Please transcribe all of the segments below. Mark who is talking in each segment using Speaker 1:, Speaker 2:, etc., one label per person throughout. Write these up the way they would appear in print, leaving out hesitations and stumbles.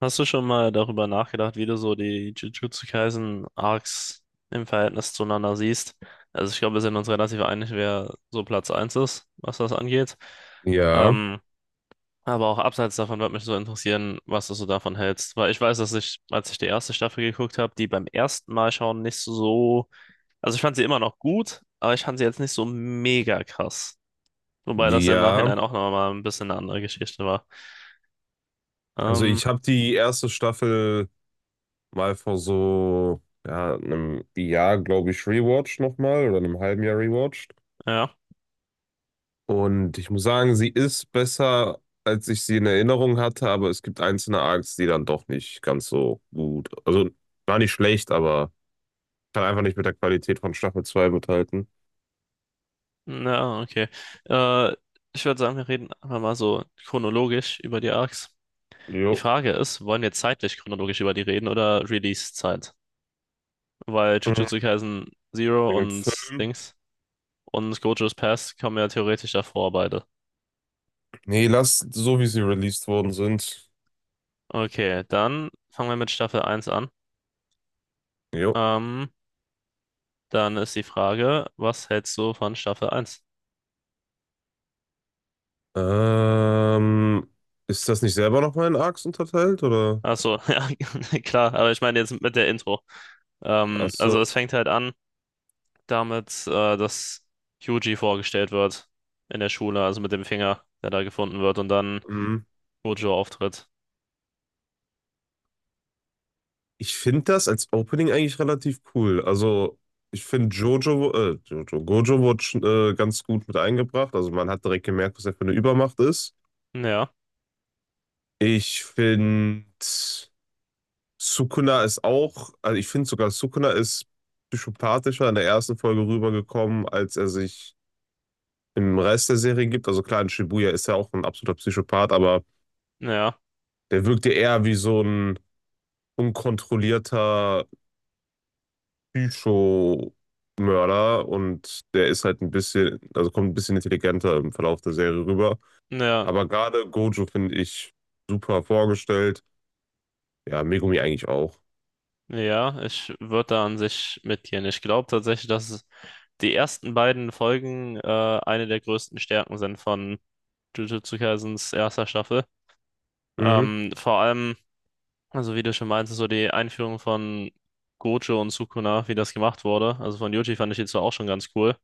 Speaker 1: Hast du schon mal darüber nachgedacht, wie du so die Jujutsu Kaisen Arcs im Verhältnis zueinander siehst? Also ich glaube, wir sind uns relativ einig, wer so Platz eins ist, was das angeht.
Speaker 2: Ja,
Speaker 1: Ähm, aber auch abseits davon würde mich so interessieren, was du so davon hältst. Weil ich weiß, dass ich, als ich die erste Staffel geguckt habe, die beim ersten Mal schauen nicht so. Also ich fand sie immer noch gut, aber ich fand sie jetzt nicht so mega krass. Wobei das im
Speaker 2: ja.
Speaker 1: Nachhinein auch nochmal ein bisschen eine andere Geschichte war.
Speaker 2: Also
Speaker 1: Ähm,
Speaker 2: ich habe die erste Staffel mal vor so ja, einem Jahr, glaube ich, rewatcht nochmal oder einem halben Jahr rewatcht.
Speaker 1: ja.
Speaker 2: Und ich muss sagen, sie ist besser, als ich sie in Erinnerung hatte, aber es gibt einzelne Arcs, die dann doch nicht ganz so gut. Also war nicht schlecht, aber kann einfach nicht mit der Qualität von Staffel 2 mithalten.
Speaker 1: Na, okay. Äh, Ich würde sagen, wir reden einfach mal so chronologisch über die Arcs. Die
Speaker 2: Jo.
Speaker 1: Frage ist, wollen wir zeitlich chronologisch über die reden oder Release-Zeit? Weil
Speaker 2: Mhm.
Speaker 1: Jujutsu Kaisen Zero
Speaker 2: Wegen dem
Speaker 1: und
Speaker 2: Film.
Speaker 1: Dings und Gojo's Past kommen ja theoretisch davor beide.
Speaker 2: Nee, lass so, wie sie released worden sind.
Speaker 1: Okay, dann fangen wir mit Staffel eins an.
Speaker 2: Jo.
Speaker 1: Ähm, dann ist die Frage, was hältst du von Staffel eins?
Speaker 2: Ähm, ist das nicht selber nochmal in Arcs unterteilt, oder?
Speaker 1: Achso, ja, klar, aber ich meine jetzt mit der Intro.
Speaker 2: Ach
Speaker 1: Also es
Speaker 2: so.
Speaker 1: fängt halt an. Damit, dass Hyuji vorgestellt wird in der Schule, also mit dem Finger, der da gefunden wird und dann
Speaker 2: Hm.
Speaker 1: Gojo auftritt.
Speaker 2: Ich finde das als Opening eigentlich relativ cool. Also, ich finde Gojo wurde schon, ganz gut mit eingebracht. Also, man hat direkt gemerkt, was er für eine Übermacht ist.
Speaker 1: Ja,
Speaker 2: Ich finde, Sukuna ist auch, also ich finde sogar, Sukuna ist psychopathischer in der ersten Folge rübergekommen, als er sich im Rest der Serie gibt. Also, klar, in Shibuya ist er auch ein absoluter Psychopath, aber
Speaker 1: ja,
Speaker 2: der wirkte eher wie so ein unkontrollierter Psycho-Mörder und der ist halt ein bisschen, also kommt ein bisschen intelligenter im Verlauf der Serie rüber.
Speaker 1: ja,
Speaker 2: Aber gerade Gojo finde ich super vorgestellt. Ja, Megumi eigentlich auch.
Speaker 1: ja, ich würde da an sich mitgehen. Ich glaube tatsächlich, dass die ersten beiden Folgen eine der größten Stärken sind von Jujutsu Kaisens erster Staffel.
Speaker 2: Mhm,
Speaker 1: Vor allem, also wie du schon meintest, so die Einführung von Gojo und Sukuna, wie das gemacht wurde. Also von Yuji fand ich die zwar auch schon ganz cool,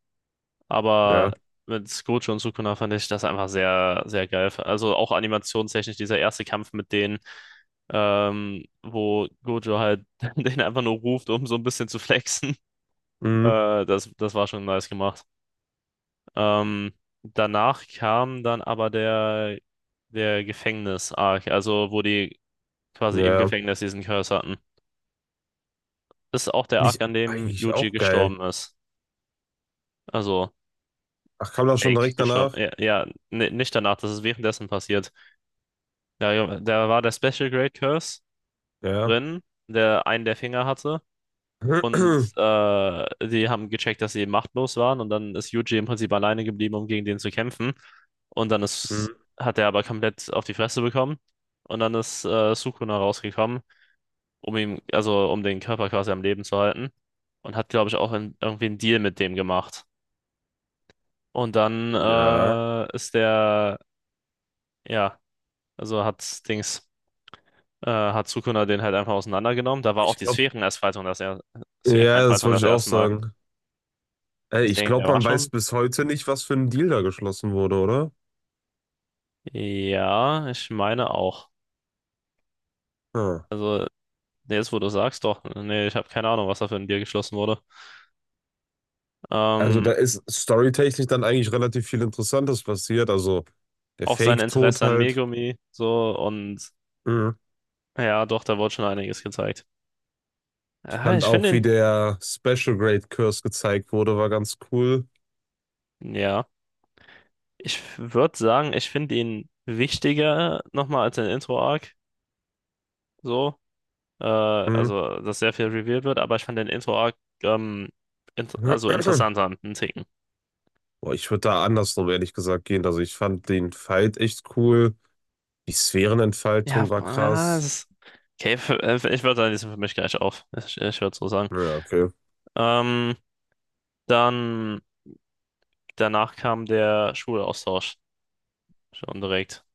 Speaker 2: ja,
Speaker 1: aber mit Gojo und Sukuna fand ich das einfach sehr, sehr geil. Also auch animationstechnisch, dieser erste Kampf mit denen, wo Gojo halt den einfach nur ruft, um so ein bisschen zu flexen.
Speaker 2: mhm,
Speaker 1: Das war schon nice gemacht. Ähm, danach kam dann aber der Gefängnis-Arc, also wo die quasi im
Speaker 2: ja.
Speaker 1: Gefängnis diesen Curse hatten. Das ist auch der
Speaker 2: Finde ich
Speaker 1: Arc, an dem
Speaker 2: eigentlich
Speaker 1: Yuji
Speaker 2: auch geil.
Speaker 1: gestorben ist. Also,
Speaker 2: Ach, kam das schon
Speaker 1: Jake
Speaker 2: direkt
Speaker 1: gestorben.
Speaker 2: danach?
Speaker 1: Ja, nicht danach, das ist währenddessen passiert. Da war der Special grade Curse
Speaker 2: Ja.
Speaker 1: drin, der einen der Finger hatte. Und die haben gecheckt, dass sie machtlos waren. Und dann ist Yuji im Prinzip alleine geblieben, um gegen den zu kämpfen. Und dann ist,
Speaker 2: Mhm.
Speaker 1: hat er aber komplett auf die Fresse bekommen. Und dann ist Sukuna rausgekommen, um ihm, also um den Körper quasi am Leben zu halten. Und hat, glaube ich, auch in, irgendwie einen Deal mit dem gemacht. Und dann
Speaker 2: Ja,
Speaker 1: ja, also hat Dings. Hat Sukuna den halt einfach auseinandergenommen. Da war auch
Speaker 2: ich
Speaker 1: die
Speaker 2: glaube,
Speaker 1: Sphärenentfaltung das, er
Speaker 2: ja, das
Speaker 1: Sphärenentfaltung
Speaker 2: wollte
Speaker 1: das
Speaker 2: ich auch
Speaker 1: erste Mal.
Speaker 2: sagen. Ey, ich
Speaker 1: Deswegen, der
Speaker 2: glaube,
Speaker 1: war
Speaker 2: man weiß
Speaker 1: schon.
Speaker 2: bis heute nicht, was für ein Deal da geschlossen wurde, oder?
Speaker 1: Ja, ich meine auch.
Speaker 2: Hm.
Speaker 1: Also, nee, jetzt wo du sagst, doch. Nee, ich habe keine Ahnung, was da für ein Deal geschlossen wurde.
Speaker 2: Also
Speaker 1: Ähm,
Speaker 2: da ist storytechnisch dann eigentlich relativ viel Interessantes passiert. Also der
Speaker 1: auch sein
Speaker 2: Fake-Tod
Speaker 1: Interesse an
Speaker 2: halt.
Speaker 1: Megumi, so und
Speaker 2: Mhm.
Speaker 1: ja, doch, da wurde schon einiges gezeigt.
Speaker 2: Ich
Speaker 1: Ah,
Speaker 2: fand
Speaker 1: ich finde
Speaker 2: auch, wie
Speaker 1: ihn,
Speaker 2: der Special Grade Curse gezeigt wurde, war ganz cool.
Speaker 1: ja, ich würde sagen, ich finde ihn wichtiger nochmal als den Intro-Arc, so,
Speaker 2: Mhm.
Speaker 1: also dass sehr viel revealed wird, aber ich fand den Intro-Arc ähm, int also interessanter, einen Ticken.
Speaker 2: Boah, ich würde da andersrum ehrlich gesagt gehen. Also ich fand den Fight echt cool. Die Sphärenentfaltung war
Speaker 1: Ja, es
Speaker 2: krass.
Speaker 1: ist. Okay, für, ich würde sagen, die sind für mich gleich auf. Ich würde so sagen.
Speaker 2: Ja, okay.
Speaker 1: Ähm, dann danach kam der Schulaustausch schon direkt.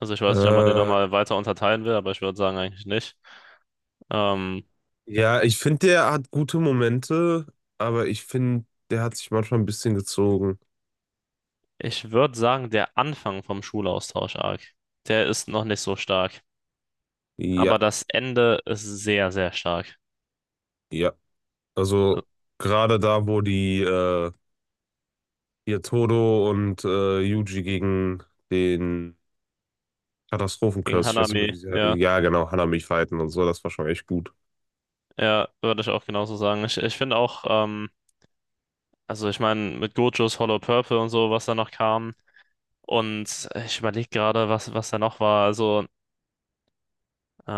Speaker 1: Also ich weiß nicht, ob man den
Speaker 2: Äh,
Speaker 1: nochmal weiter unterteilen will, aber ich würde sagen eigentlich nicht. Ähm,
Speaker 2: ja, ich finde, der hat gute Momente, aber ich finde, der hat sich manchmal ein bisschen gezogen.
Speaker 1: ich würde sagen, der Anfang vom Schulaustausch-Arc, der ist noch nicht so stark. Aber
Speaker 2: Ja,
Speaker 1: das Ende ist sehr, sehr stark.
Speaker 2: ja.
Speaker 1: Also
Speaker 2: Also gerade da, wo die hier Todo und Yuji gegen den
Speaker 1: gegen
Speaker 2: Katastrophenkurs, ich weiß nicht mehr,
Speaker 1: Hanami,
Speaker 2: wie sie,
Speaker 1: ja.
Speaker 2: ja genau, Hanami fighten und so, das war schon echt gut.
Speaker 1: Ja, würde ich auch genauso sagen. Ich finde auch, also ich meine, mit Gojos Hollow Purple und so, was da noch kam. Und ich überlege gerade, was da noch war. Also,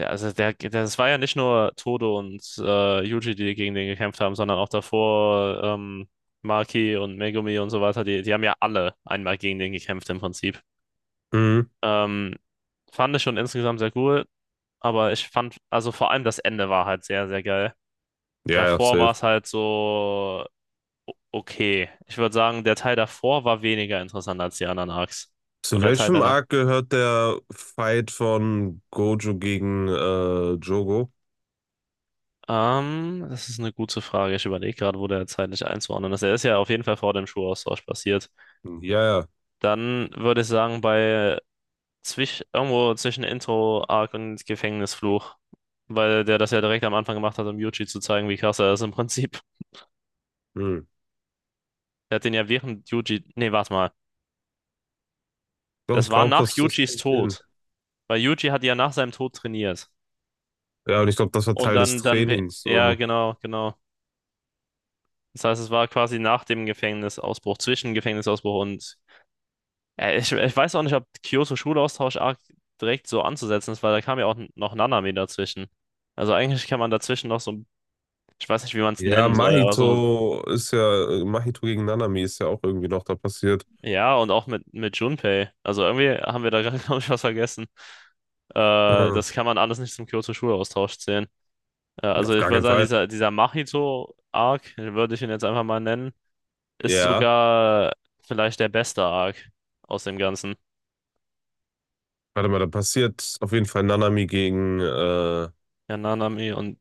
Speaker 1: ja, also das war ja nicht nur Todo und Yuji, die gegen den gekämpft haben, sondern auch davor Maki und Megumi und so weiter. Die haben ja alle einmal gegen den gekämpft im Prinzip.
Speaker 2: Mhm.
Speaker 1: Ähm, fand ich schon insgesamt sehr cool, aber ich fand, also vor allem das Ende war halt sehr, sehr geil.
Speaker 2: Ja, ja,
Speaker 1: Davor war
Speaker 2: safe.
Speaker 1: es halt so. Okay. Ich würde sagen, der Teil davor war weniger interessant als die anderen Arcs. Und
Speaker 2: Zu
Speaker 1: der Teil
Speaker 2: welchem
Speaker 1: danach.
Speaker 2: Arc gehört der Fight von Gojo gegen Jogo?
Speaker 1: Das ist eine gute Frage. Ich überlege gerade, wo der zeitlich einzuordnen ist. Er ist ja auf jeden Fall vor dem Schulaustausch passiert.
Speaker 2: Ja, ja.
Speaker 1: Dann würde ich sagen, bei zwisch irgendwo zwischen Intro-Arc und Gefängnisfluch. Weil der das ja direkt am Anfang gemacht hat, um Yuji zu zeigen, wie krass er ist im Prinzip.
Speaker 2: Hm.
Speaker 1: Der hat den ja während Yuji. Nee, warte mal.
Speaker 2: Doch, ich
Speaker 1: Das war
Speaker 2: glaube,
Speaker 1: nach
Speaker 2: das, das
Speaker 1: Yujis
Speaker 2: kommt hin.
Speaker 1: Tod. Weil Yuji hat ja nach seinem Tod trainiert.
Speaker 2: Ja, und ich glaube, das war
Speaker 1: Und
Speaker 2: Teil des Trainings.
Speaker 1: ja,
Speaker 2: So.
Speaker 1: genau. Das heißt, es war quasi nach dem Gefängnisausbruch, zwischen Gefängnisausbruch und. Ich weiß auch nicht, ob Kyoto-Schulaustausch arg direkt so anzusetzen ist, weil da kam ja auch noch Nanami dazwischen. Also eigentlich kann man dazwischen noch so, ich weiß nicht, wie man es
Speaker 2: Ja,
Speaker 1: nennen soll, aber so,
Speaker 2: Mahito ist ja, Mahito gegen Nanami ist ja auch irgendwie noch da passiert.
Speaker 1: ja, und auch mit Junpei. Also irgendwie haben wir da gerade, glaube ich, was vergessen.
Speaker 2: Hm.
Speaker 1: Das kann man alles nicht zum Kyoto-Schulaustausch zählen. Also
Speaker 2: Auf
Speaker 1: ich
Speaker 2: gar
Speaker 1: würde
Speaker 2: keinen
Speaker 1: sagen,
Speaker 2: Fall.
Speaker 1: dieser Mahito-Arc, würde ich ihn jetzt einfach mal nennen, ist
Speaker 2: Ja.
Speaker 1: sogar vielleicht der beste Arc aus dem Ganzen.
Speaker 2: Warte mal, da passiert auf jeden Fall Nanami gegen
Speaker 1: Ja, Nanami und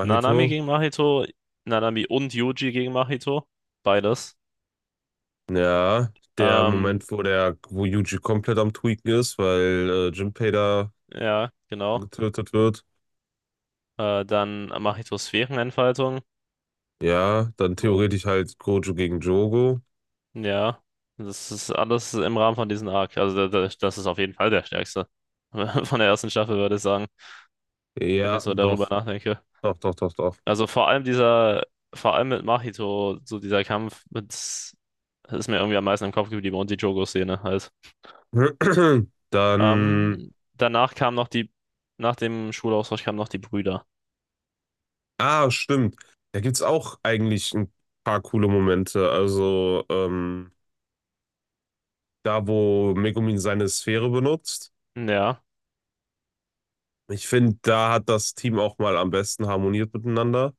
Speaker 1: Nanami gegen Mahito, Nanami und Yuji gegen Mahito, beides.
Speaker 2: Ja, der
Speaker 1: Ähm,
Speaker 2: Moment, wo der, wo Yuji komplett am Tweaken ist, weil Jinpei da
Speaker 1: ja, genau.
Speaker 2: getötet wird.
Speaker 1: Dann Mahitos Sphärenentfaltung.
Speaker 2: Ja, dann
Speaker 1: So,
Speaker 2: theoretisch halt Gojo gegen Jogo.
Speaker 1: ja, das ist alles im Rahmen von diesem Arc. Also das ist auf jeden Fall der stärkste von der ersten Staffel, würde ich sagen, wenn ich
Speaker 2: Ja,
Speaker 1: so darüber
Speaker 2: doch,
Speaker 1: nachdenke.
Speaker 2: doch, doch, doch, doch.
Speaker 1: Also vor allem mit Mahito, so dieser Kampf, mit, das ist mir irgendwie am meisten im Kopf geblieben und die Jogo-Szene halt.
Speaker 2: Dann,
Speaker 1: Danach kam noch die, nach dem Schulaustausch kamen noch die Brüder.
Speaker 2: ah, stimmt. Da gibt's auch eigentlich ein paar coole Momente. Also, da, wo Megumin seine Sphäre benutzt.
Speaker 1: Ja,
Speaker 2: Ich finde, da hat das Team auch mal am besten harmoniert miteinander.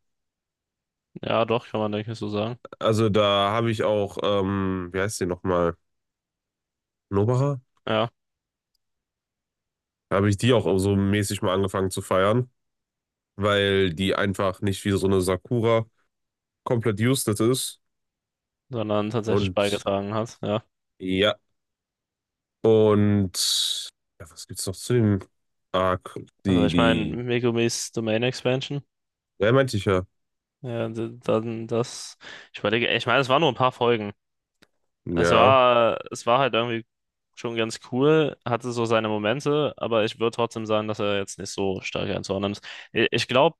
Speaker 1: ja, doch, kann man denke ich so sagen.
Speaker 2: Also da habe ich auch, wie heißt die nochmal? Nobacher?
Speaker 1: Ja,
Speaker 2: Da habe ich die auch so mäßig mal angefangen zu feiern, weil die einfach nicht wie so eine Sakura komplett useless ist.
Speaker 1: sondern tatsächlich
Speaker 2: Und
Speaker 1: beigetragen hat, ja.
Speaker 2: ja, und ja, was gibt's noch zu dem Arc?
Speaker 1: Also
Speaker 2: Die,
Speaker 1: ich meine,
Speaker 2: die,
Speaker 1: Megumis Domain Expansion,
Speaker 2: ja, meinte ich ja.
Speaker 1: ja, dann das, ich überlege, ich meine, es waren nur ein paar Folgen,
Speaker 2: Ja,
Speaker 1: es war halt irgendwie schon ganz cool, hatte so seine Momente, aber ich würde trotzdem sagen, dass er jetzt nicht so stark einzuordnen ist. Ich glaube,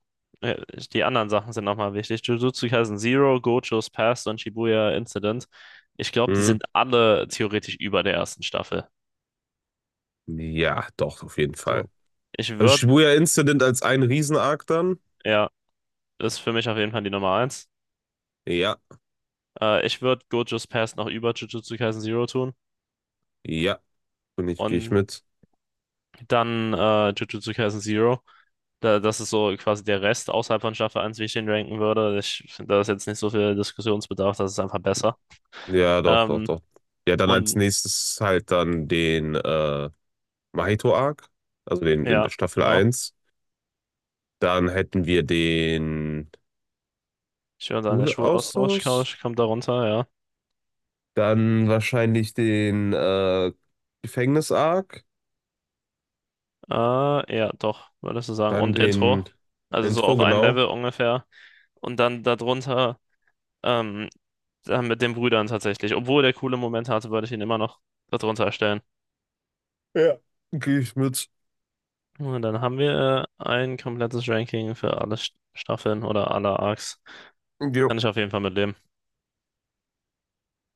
Speaker 1: die anderen Sachen sind nochmal wichtig. Jujutsu Kaisen Zero, Gojo's Past und Shibuya Incident. Ich glaube, die
Speaker 2: hm.
Speaker 1: sind alle theoretisch über der ersten Staffel.
Speaker 2: Ja, doch, auf jeden
Speaker 1: So.
Speaker 2: Fall.
Speaker 1: Ich
Speaker 2: Also
Speaker 1: würde,
Speaker 2: Shibuya Incident als ein Riesen-Arc dann?
Speaker 1: ja, ist für mich auf jeden Fall die Nummer eins.
Speaker 2: Ja,
Speaker 1: Ich würde Gojo's Past noch über Jujutsu Kaisen Zero tun
Speaker 2: ja, und ich gehe ich
Speaker 1: und
Speaker 2: mit.
Speaker 1: dann Jujutsu Kaisen Zero. Da, das ist so quasi der Rest außerhalb von Staffel eins, wie ich den ranken würde. Ich finde, da ist jetzt nicht so viel Diskussionsbedarf, das ist einfach besser.
Speaker 2: Ja, doch, doch,
Speaker 1: Ähm,
Speaker 2: doch. Ja, dann als
Speaker 1: und
Speaker 2: nächstes halt dann den Mahito-Arc, also den in
Speaker 1: ja,
Speaker 2: der Staffel
Speaker 1: genau.
Speaker 2: eins. Dann hätten wir den
Speaker 1: Ich höre dann der Schulaustausch
Speaker 2: Schulaustausch.
Speaker 1: Couch kommt da runter,
Speaker 2: Dann wahrscheinlich den Gefängnis-Arc.
Speaker 1: ja. Ja, doch, würdest du sagen.
Speaker 2: Dann
Speaker 1: Und Intro.
Speaker 2: den
Speaker 1: Also so
Speaker 2: Intro,
Speaker 1: auf ein
Speaker 2: genau.
Speaker 1: Level ungefähr. Und dann darunter, ähm, dann mit den Brüdern tatsächlich. Obwohl der coole Moment hatte, würde ich ihn immer noch darunter stellen.
Speaker 2: Ja. Gehe ich mit.
Speaker 1: Und dann haben wir ein komplettes Ranking für alle Staffeln oder alle Arcs.
Speaker 2: Jo.
Speaker 1: Kann ich auf jeden Fall mitleben.